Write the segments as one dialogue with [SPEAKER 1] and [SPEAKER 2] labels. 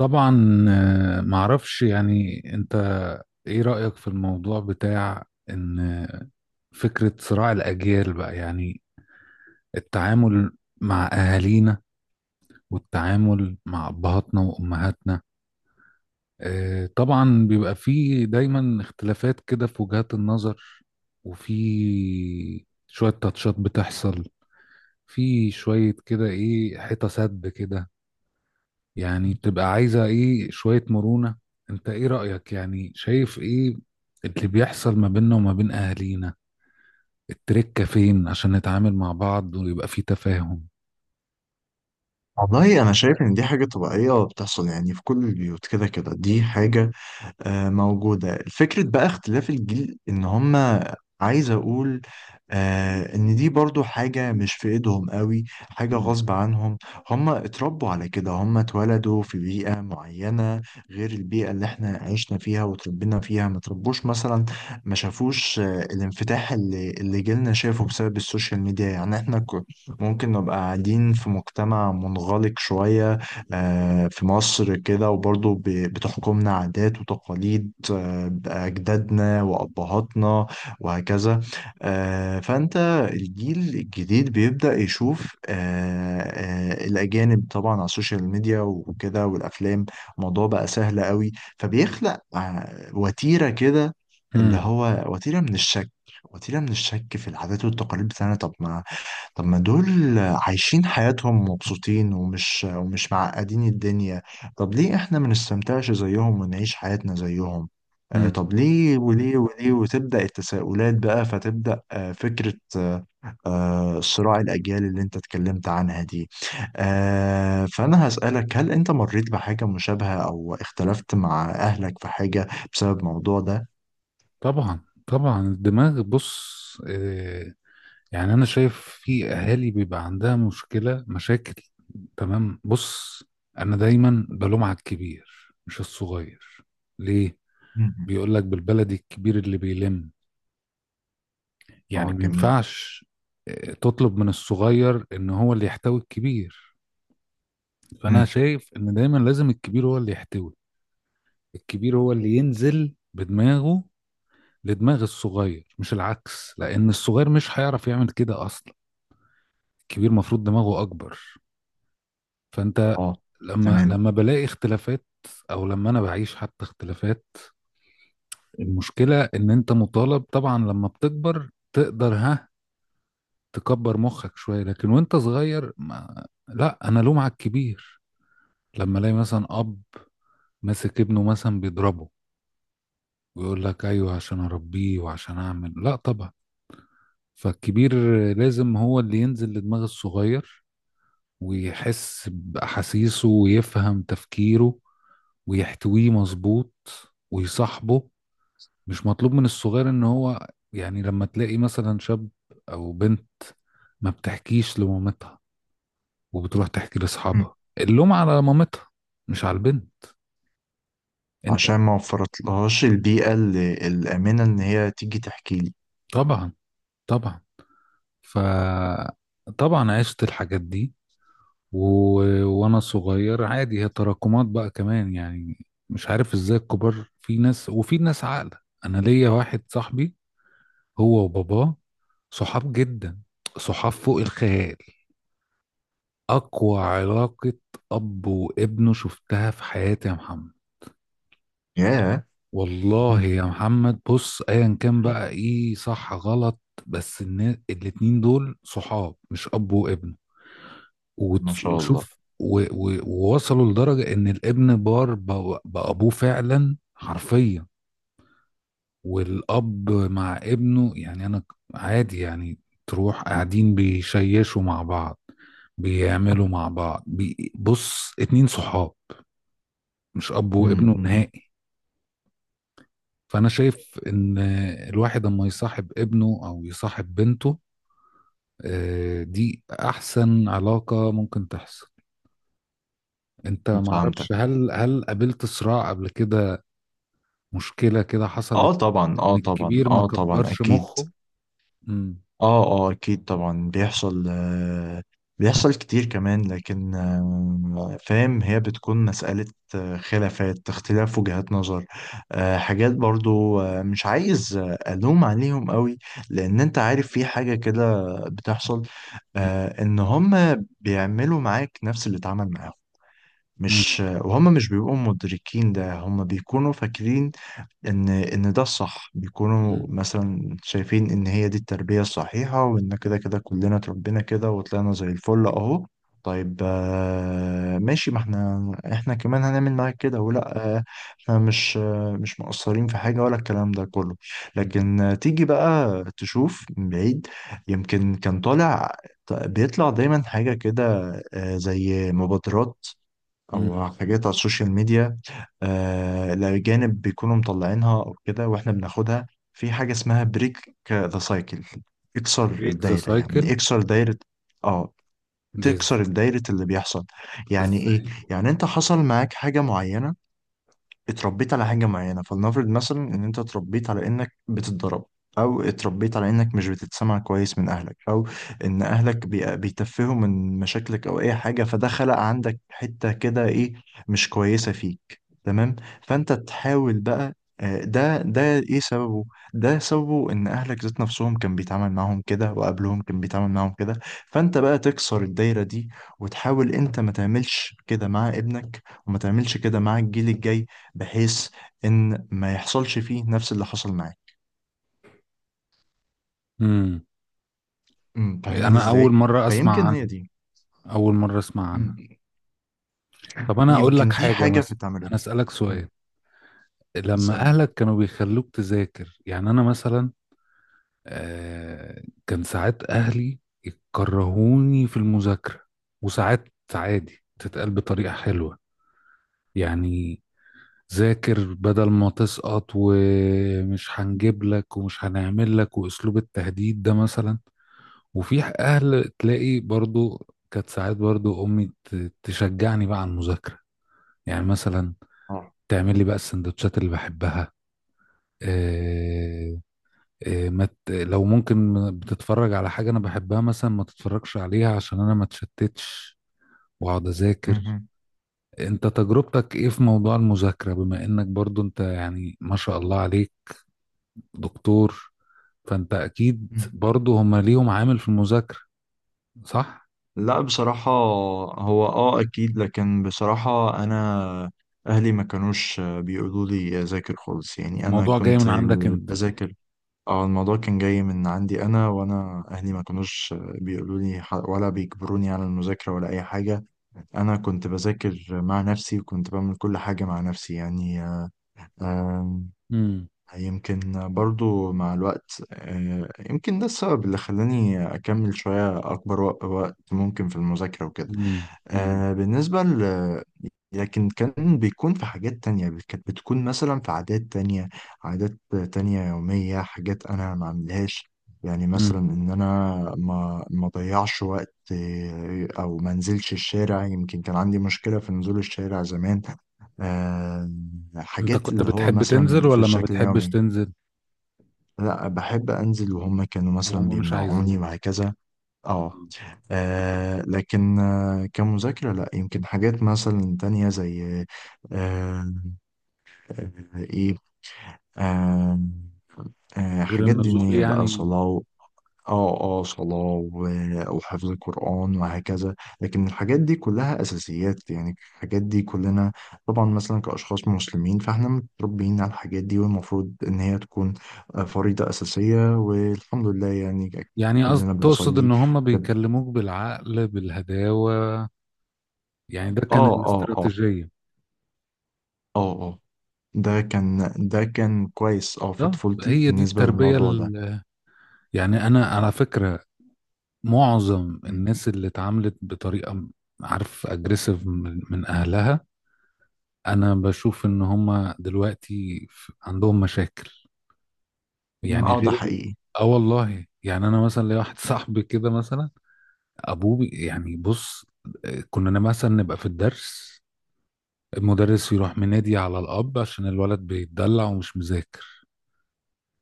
[SPEAKER 1] طبعا، معرفش، يعني انت ايه رأيك في الموضوع بتاع ان فكرة صراع الأجيال بقى؟ يعني التعامل مع أهالينا، والتعامل مع أبهاتنا وأمهاتنا. طبعا بيبقى فيه دايما اختلافات كده في وجهات النظر، وفي شوية تاتشات بتحصل، في شوية كده، ايه، حيطة سد كده يعني، بتبقى عايزة ايه، شوية مرونة. انت ايه رأيك؟ يعني شايف ايه اللي بيحصل ما بيننا وما بين اهالينا؟ التركة فين عشان نتعامل مع بعض ويبقى في تفاهم؟
[SPEAKER 2] والله أنا شايف إن دي حاجة طبيعية بتحصل يعني في كل البيوت، كده كده دي حاجة موجودة. الفكرة بقى اختلاف الجيل ان هما عايز اقول ان دي برضو حاجة مش في ايدهم قوي، حاجة
[SPEAKER 1] مم.
[SPEAKER 2] غصب عنهم. هما اتربوا على كده، هما اتولدوا في بيئة معينة غير البيئة اللي احنا عشنا فيها وتربينا فيها. ما تربوش مثلا، ما شافوش الانفتاح اللي جيلنا شافه بسبب السوشيال ميديا. يعني احنا ممكن نبقى قاعدين في مجتمع منغلق شوية، في مصر كده، وبرضه بتحكمنا عادات وتقاليد أجدادنا وأبهاتنا وهكذا. آه، فأنت الجيل الجديد بيبدأ يشوف الأجانب طبعا على السوشيال ميديا وكده والأفلام. الموضوع بقى سهل قوي، فبيخلق وتيرة كده، اللي
[SPEAKER 1] امم.
[SPEAKER 2] هو وتيرة من الشك. وتيرة من الشك في العادات والتقاليد بتاعنا. طب ما دول عايشين حياتهم مبسوطين، ومش معقدين الدنيا. طب ليه احنا ما نستمتعش زيهم ونعيش حياتنا زيهم؟
[SPEAKER 1] امم.
[SPEAKER 2] طب ليه وليه وليه، وتبدأ التساؤلات بقى، فتبدأ فكرة صراع الأجيال اللي انت اتكلمت عنها دي. فأنا هسألك، هل انت مريت بحاجة مشابهة او اختلفت مع أهلك في حاجة بسبب الموضوع ده؟
[SPEAKER 1] طبعا، طبعا، الدماغ، بص، يعني انا شايف في اهالي بيبقى عندها مشكلة، مشاكل، تمام. بص، انا دايما بلوم على الكبير مش الصغير. ليه؟
[SPEAKER 2] مم.
[SPEAKER 1] بيقول لك بالبلدي الكبير اللي بيلم، يعني
[SPEAKER 2] اه،
[SPEAKER 1] ما
[SPEAKER 2] جميل.
[SPEAKER 1] ينفعش تطلب من الصغير ان هو اللي يحتوي الكبير. فانا
[SPEAKER 2] مم.
[SPEAKER 1] شايف ان دايما لازم الكبير هو اللي يحتوي، الكبير هو اللي ينزل بدماغه لدماغ الصغير، مش العكس، لان الصغير مش هيعرف يعمل كده اصلا، الكبير مفروض دماغه اكبر. فانت
[SPEAKER 2] اه،
[SPEAKER 1] لما
[SPEAKER 2] تمام.
[SPEAKER 1] لما بلاقي اختلافات، او لما انا بعيش حتى اختلافات، المشكلة ان انت مطالب طبعا لما بتكبر تقدر، ها، تكبر مخك شوية، لكن وانت صغير ما... لا، انا لوم على الكبير. لما الاقي مثلا اب ماسك ابنه مثلا بيضربه، ويقول لك ايوه عشان اربيه وعشان اعمل، لا طبعا، فالكبير لازم هو اللي ينزل لدماغ الصغير، ويحس باحاسيسه، ويفهم تفكيره، ويحتويه مظبوط، ويصاحبه. مش مطلوب من الصغير ان هو، يعني لما تلاقي مثلا شاب او بنت ما بتحكيش لمامتها وبتروح تحكي لاصحابها، اللوم على مامتها مش على البنت. انت.
[SPEAKER 2] عشان ما وفرتلهاش البيئة الآمنة إن هي تيجي تحكي لي.
[SPEAKER 1] طبعا. طبعا. ف، طبعا عشت الحاجات دي و... وانا صغير، عادي، هي تراكمات بقى كمان، يعني مش عارف ازاي، الكبار في ناس وفي ناس عاقله. انا ليا واحد صاحبي، هو وباباه، صحاب جدا، صحاب فوق الخيال، اقوى علاقه اب وابنه شفتها في حياتي يا محمد.
[SPEAKER 2] ياه.
[SPEAKER 1] والله
[SPEAKER 2] مم.
[SPEAKER 1] يا محمد، بص، ايا كان بقى ايه صح غلط، بس الاتنين دول صحاب مش اب وابن.
[SPEAKER 2] ما شاء الله.
[SPEAKER 1] ووصلوا لدرجة ان الابن بار بابوه فعلا، حرفيا. والاب مع ابنه يعني انا عادي، يعني تروح قاعدين بيشيشوا مع بعض، بيعملوا مع بعض، بص، اتنين صحاب، مش اب وابنه
[SPEAKER 2] مم.
[SPEAKER 1] نهائي. فأنا شايف إن الواحد لما يصاحب ابنه أو يصاحب بنته، دي أحسن علاقة ممكن تحصل. أنت
[SPEAKER 2] فهمتك.
[SPEAKER 1] معرفش، هل قابلت صراع قبل كده؟ مشكلة كده
[SPEAKER 2] اه
[SPEAKER 1] حصلت؟
[SPEAKER 2] طبعا،
[SPEAKER 1] إن
[SPEAKER 2] اه طبعا،
[SPEAKER 1] الكبير ما
[SPEAKER 2] اه طبعا،
[SPEAKER 1] كبرش
[SPEAKER 2] أكيد.
[SPEAKER 1] مخه. مم.
[SPEAKER 2] اه اه اكيد طبعا بيحصل، بيحصل كتير كمان. لكن فاهم، هي بتكون مسألة آه، خلافات اختلاف وجهات نظر، حاجات برضو، مش عايز ألوم عليهم قوي، لأن أنت عارف في حاجة كده بتحصل،
[SPEAKER 1] مم.
[SPEAKER 2] إن هم بيعملوا معاك نفس اللي اتعمل معاهم.
[SPEAKER 1] مم.
[SPEAKER 2] مش آه، وهم مش بيبقوا مدركين ده، هم بيكونوا فاكرين ان ده الصح. بيكونوا
[SPEAKER 1] مم.
[SPEAKER 2] مثلا شايفين ان هي دي التربية الصحيحة، وان كده كده كلنا اتربينا كده وطلعنا زي الفل اهو. طيب ماشي، ما احنا كمان هنعمل معاك كده، ولا احنا مش مقصرين في حاجة ولا الكلام ده كله؟
[SPEAKER 1] مم.
[SPEAKER 2] لكن تيجي بقى تشوف من بعيد، يمكن كان طالع، بيطلع دايما حاجة كده زي مبادرات او
[SPEAKER 1] مم.
[SPEAKER 2] حاجات على السوشيال ميديا، الأجانب بيكونوا مطلعينها أو كده وإحنا بناخدها. في حاجة اسمها بريك ذا سايكل، اكسر
[SPEAKER 1] بريك ذا
[SPEAKER 2] الدايرة،
[SPEAKER 1] سايكل،
[SPEAKER 2] يعني اكسر دايرة. آه.
[SPEAKER 1] دي
[SPEAKER 2] تكسر الدايرة اللي بيحصل، يعني إيه؟
[SPEAKER 1] إزاي؟
[SPEAKER 2] يعني أنت حصل معاك حاجة معينة، اتربيت على حاجة معينة. فلنفرض مثلا ان انت اتربيت على انك بتتضرب، او اتربيت على انك مش بتتسمع كويس من اهلك، او ان اهلك بيتفهوا من مشاكلك، او اي حاجة، فده خلق عندك حتة كده ايه، مش كويسة فيك، تمام. فانت تحاول بقى ده ايه سببه؟ ده سببه ان اهلك ذات نفسهم كان بيتعامل معاهم كده، وقبلهم كان بيتعامل معاهم كده. فانت بقى تكسر الدايرة دي، وتحاول انت ما تعملش كده مع ابنك، وما تعملش كده مع الجيل الجاي، بحيث ان ما يحصلش فيه نفس اللي حصل معاك.
[SPEAKER 1] مم.
[SPEAKER 2] فاهمني
[SPEAKER 1] أنا أول
[SPEAKER 2] ازاي.
[SPEAKER 1] مرة أسمع
[SPEAKER 2] فيمكن هي
[SPEAKER 1] عنها،
[SPEAKER 2] دي.
[SPEAKER 1] أول مرة أسمع عنها.
[SPEAKER 2] أمم،
[SPEAKER 1] طب أنا أقول لك
[SPEAKER 2] يمكن دي
[SPEAKER 1] حاجة
[SPEAKER 2] حاجة في
[SPEAKER 1] مثلا، أنا
[SPEAKER 2] اتعملت.
[SPEAKER 1] أسألك
[SPEAKER 2] أمم،
[SPEAKER 1] سؤال. لما
[SPEAKER 2] اسألني.
[SPEAKER 1] اهلك كانوا بيخلوك تذاكر، يعني انا مثلا كان ساعات اهلي يكرهوني في المذاكره، وساعات عادي تتقال بطريقه حلوه، يعني ذاكر بدل ما تسقط، ومش هنجيب لك ومش هنعمل لك، واسلوب التهديد ده مثلا. وفي اهل تلاقي برضو، كانت ساعات برضو امي تشجعني بقى على المذاكره، يعني مثلا
[SPEAKER 2] اه.
[SPEAKER 1] تعمل لي بقى السندوتشات اللي بحبها، آه، إيه، ما ت- لو ممكن بتتفرج على حاجة أنا بحبها مثلا ما تتفرجش عليها عشان أنا ما اتشتتش وأقعد أذاكر.
[SPEAKER 2] مهم.
[SPEAKER 1] أنت تجربتك إيه في موضوع المذاكرة، بما إنك برضو أنت، يعني ما شاء الله عليك دكتور، فأنت أكيد
[SPEAKER 2] أمم.
[SPEAKER 1] برضو هما ليهم عامل في المذاكرة، صح؟
[SPEAKER 2] لا، بصراحة، هو اكيد. لكن بصراحة انا اهلي ما كانوش بيقولوا لي اذاكر خالص، يعني انا
[SPEAKER 1] الموضوع جاي من
[SPEAKER 2] كنت
[SPEAKER 1] عندك أنت.
[SPEAKER 2] بذاكر. اه، الموضوع كان جاي من عندي انا، وانا اهلي ما كانوش بيقولوا لي ولا بيجبروني على المذاكره ولا اي حاجه. انا كنت بذاكر مع نفسي، وكنت بعمل كل حاجه مع نفسي يعني. آم،
[SPEAKER 1] امم.
[SPEAKER 2] يمكن برضو مع الوقت، يمكن ده السبب اللي خلاني اكمل شويه اكبر وقت ممكن في المذاكره وكده.
[SPEAKER 1] امم. امم.
[SPEAKER 2] آه بالنسبة ل لكن كان بيكون في حاجات تانية، كانت بتكون مثلا في عادات تانية. عادات تانية يومية، حاجات أنا ما عملهاش. يعني مثلا
[SPEAKER 1] امم.
[SPEAKER 2] إن أنا ما ضيعش وقت، أو ما انزلش الشارع. يمكن كان عندي مشكلة في نزول الشارع زمان. آه،
[SPEAKER 1] أنت
[SPEAKER 2] حاجات
[SPEAKER 1] كنت
[SPEAKER 2] اللي هو
[SPEAKER 1] بتحب
[SPEAKER 2] مثلا
[SPEAKER 1] تنزل
[SPEAKER 2] في
[SPEAKER 1] ولا ما
[SPEAKER 2] الشكل
[SPEAKER 1] بتحبش
[SPEAKER 2] اليومي.
[SPEAKER 1] تنزل؟
[SPEAKER 2] لا، بحب أنزل، وهم كانوا مثلا
[SPEAKER 1] وهم مش
[SPEAKER 2] بيمنعوني
[SPEAKER 1] عايزين.
[SPEAKER 2] وهكذا. اه. لكن كمذاكرة لا، يمكن حاجات مثلا تانية زي آه، آه، ايه آه،
[SPEAKER 1] غير
[SPEAKER 2] حاجات
[SPEAKER 1] النزول،
[SPEAKER 2] دينية بقى،
[SPEAKER 1] يعني.
[SPEAKER 2] صلاة اه اه صلاة وحفظ القرآن وهكذا. لكن الحاجات دي كلها أساسيات، يعني الحاجات دي كلنا طبعا مثلا كأشخاص مسلمين، فاحنا متربيين على الحاجات دي، والمفروض إن هي تكون فريضة أساسية، والحمد لله يعني،
[SPEAKER 1] يعني قصد
[SPEAKER 2] كلنا
[SPEAKER 1] تقصد
[SPEAKER 2] بنصلي.
[SPEAKER 1] ان هم بيكلموك بالعقل، بالهداوة، يعني ده كان
[SPEAKER 2] اه، اه، اه،
[SPEAKER 1] الاستراتيجية.
[SPEAKER 2] اه، اه. ده كان كويس في
[SPEAKER 1] ده
[SPEAKER 2] طفولتي
[SPEAKER 1] هي دي
[SPEAKER 2] بالنسبة
[SPEAKER 1] التربية
[SPEAKER 2] للموضوع ده.
[SPEAKER 1] يعني انا على فكرة معظم الناس اللي اتعاملت بطريقة عارف، اجريسيف، من اهلها، انا بشوف ان هم دلوقتي عندهم مشاكل،
[SPEAKER 2] مم.
[SPEAKER 1] يعني
[SPEAKER 2] اه، ده
[SPEAKER 1] غير
[SPEAKER 2] حقيقي.
[SPEAKER 1] اه، والله، يعني انا مثلا ليا واحد صاحبي كده مثلا، ابوه يعني بص، كنا مثلا نبقى في الدرس، المدرس يروح منادي على الأب عشان الولد بيتدلع ومش مذاكر،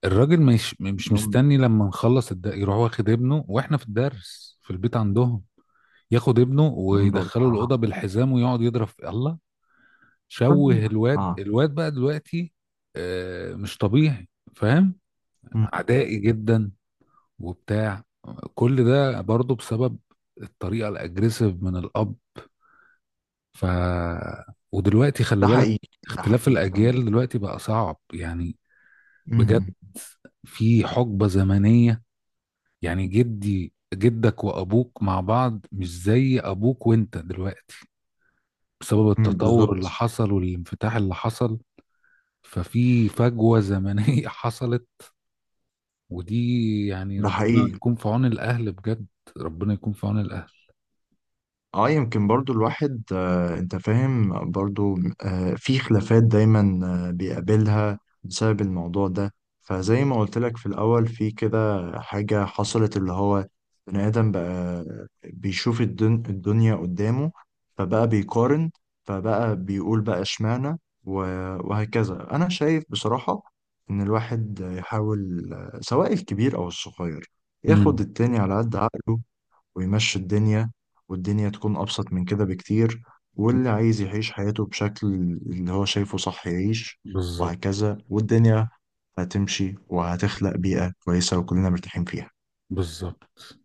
[SPEAKER 1] الراجل مش
[SPEAKER 2] يوم
[SPEAKER 1] مستني لما نخلص يروح واخد ابنه واحنا في الدرس في البيت عندهم، ياخد ابنه
[SPEAKER 2] يوم دول،
[SPEAKER 1] ويدخله
[SPEAKER 2] اه.
[SPEAKER 1] الأوضة بالحزام ويقعد يضرب في الله، شوه الواد.
[SPEAKER 2] اه.
[SPEAKER 1] الواد بقى دلوقتي مش طبيعي، فاهم؟
[SPEAKER 2] مم.
[SPEAKER 1] عدائي جدا وبتاع. كل ده برضه بسبب الطريقة الأجريسيف من الأب. ف، ودلوقتي خلي
[SPEAKER 2] ده
[SPEAKER 1] بالك،
[SPEAKER 2] حقيقي، ده
[SPEAKER 1] اختلاف
[SPEAKER 2] حقيقي، فاهم.
[SPEAKER 1] الأجيال دلوقتي بقى صعب، يعني بجد.
[SPEAKER 2] مم.
[SPEAKER 1] في حقبة زمنية، يعني جدي جدك وأبوك مع بعض مش زي أبوك وأنت دلوقتي، بسبب
[SPEAKER 2] مم.
[SPEAKER 1] التطور اللي
[SPEAKER 2] بالظبط.
[SPEAKER 1] حصل والانفتاح اللي حصل. ففي فجوة زمنية حصلت، ودي يعني
[SPEAKER 2] ده
[SPEAKER 1] ربنا
[SPEAKER 2] حقيقي.
[SPEAKER 1] يكون في عون الأهل، بجد، ربنا يكون في عون الأهل.
[SPEAKER 2] اه، يمكن برضو الواحد، انت فاهم برضو، في خلافات دايما، بيقابلها بسبب الموضوع ده. فزي ما قلت لك في الاول في كده حاجة حصلت، اللي هو بني ادم بقى بيشوف الدنيا قدامه، فبقى بيقارن، فبقى بيقول بقى اشمعنى، و- وهكذا. انا شايف بصراحة ان الواحد يحاول سواء الكبير او الصغير، ياخد
[SPEAKER 1] امم.
[SPEAKER 2] التاني على قد عقله، ويمشي الدنيا، والدنيا تكون أبسط من كده بكتير. واللي عايز يعيش حياته بشكل اللي هو شايفه صح، يعيش.
[SPEAKER 1] بالظبط.
[SPEAKER 2] وهكذا، والدنيا هتمشي وهتخلق بيئة كويسة وكلنا مرتاحين فيها.
[SPEAKER 1] بالظبط.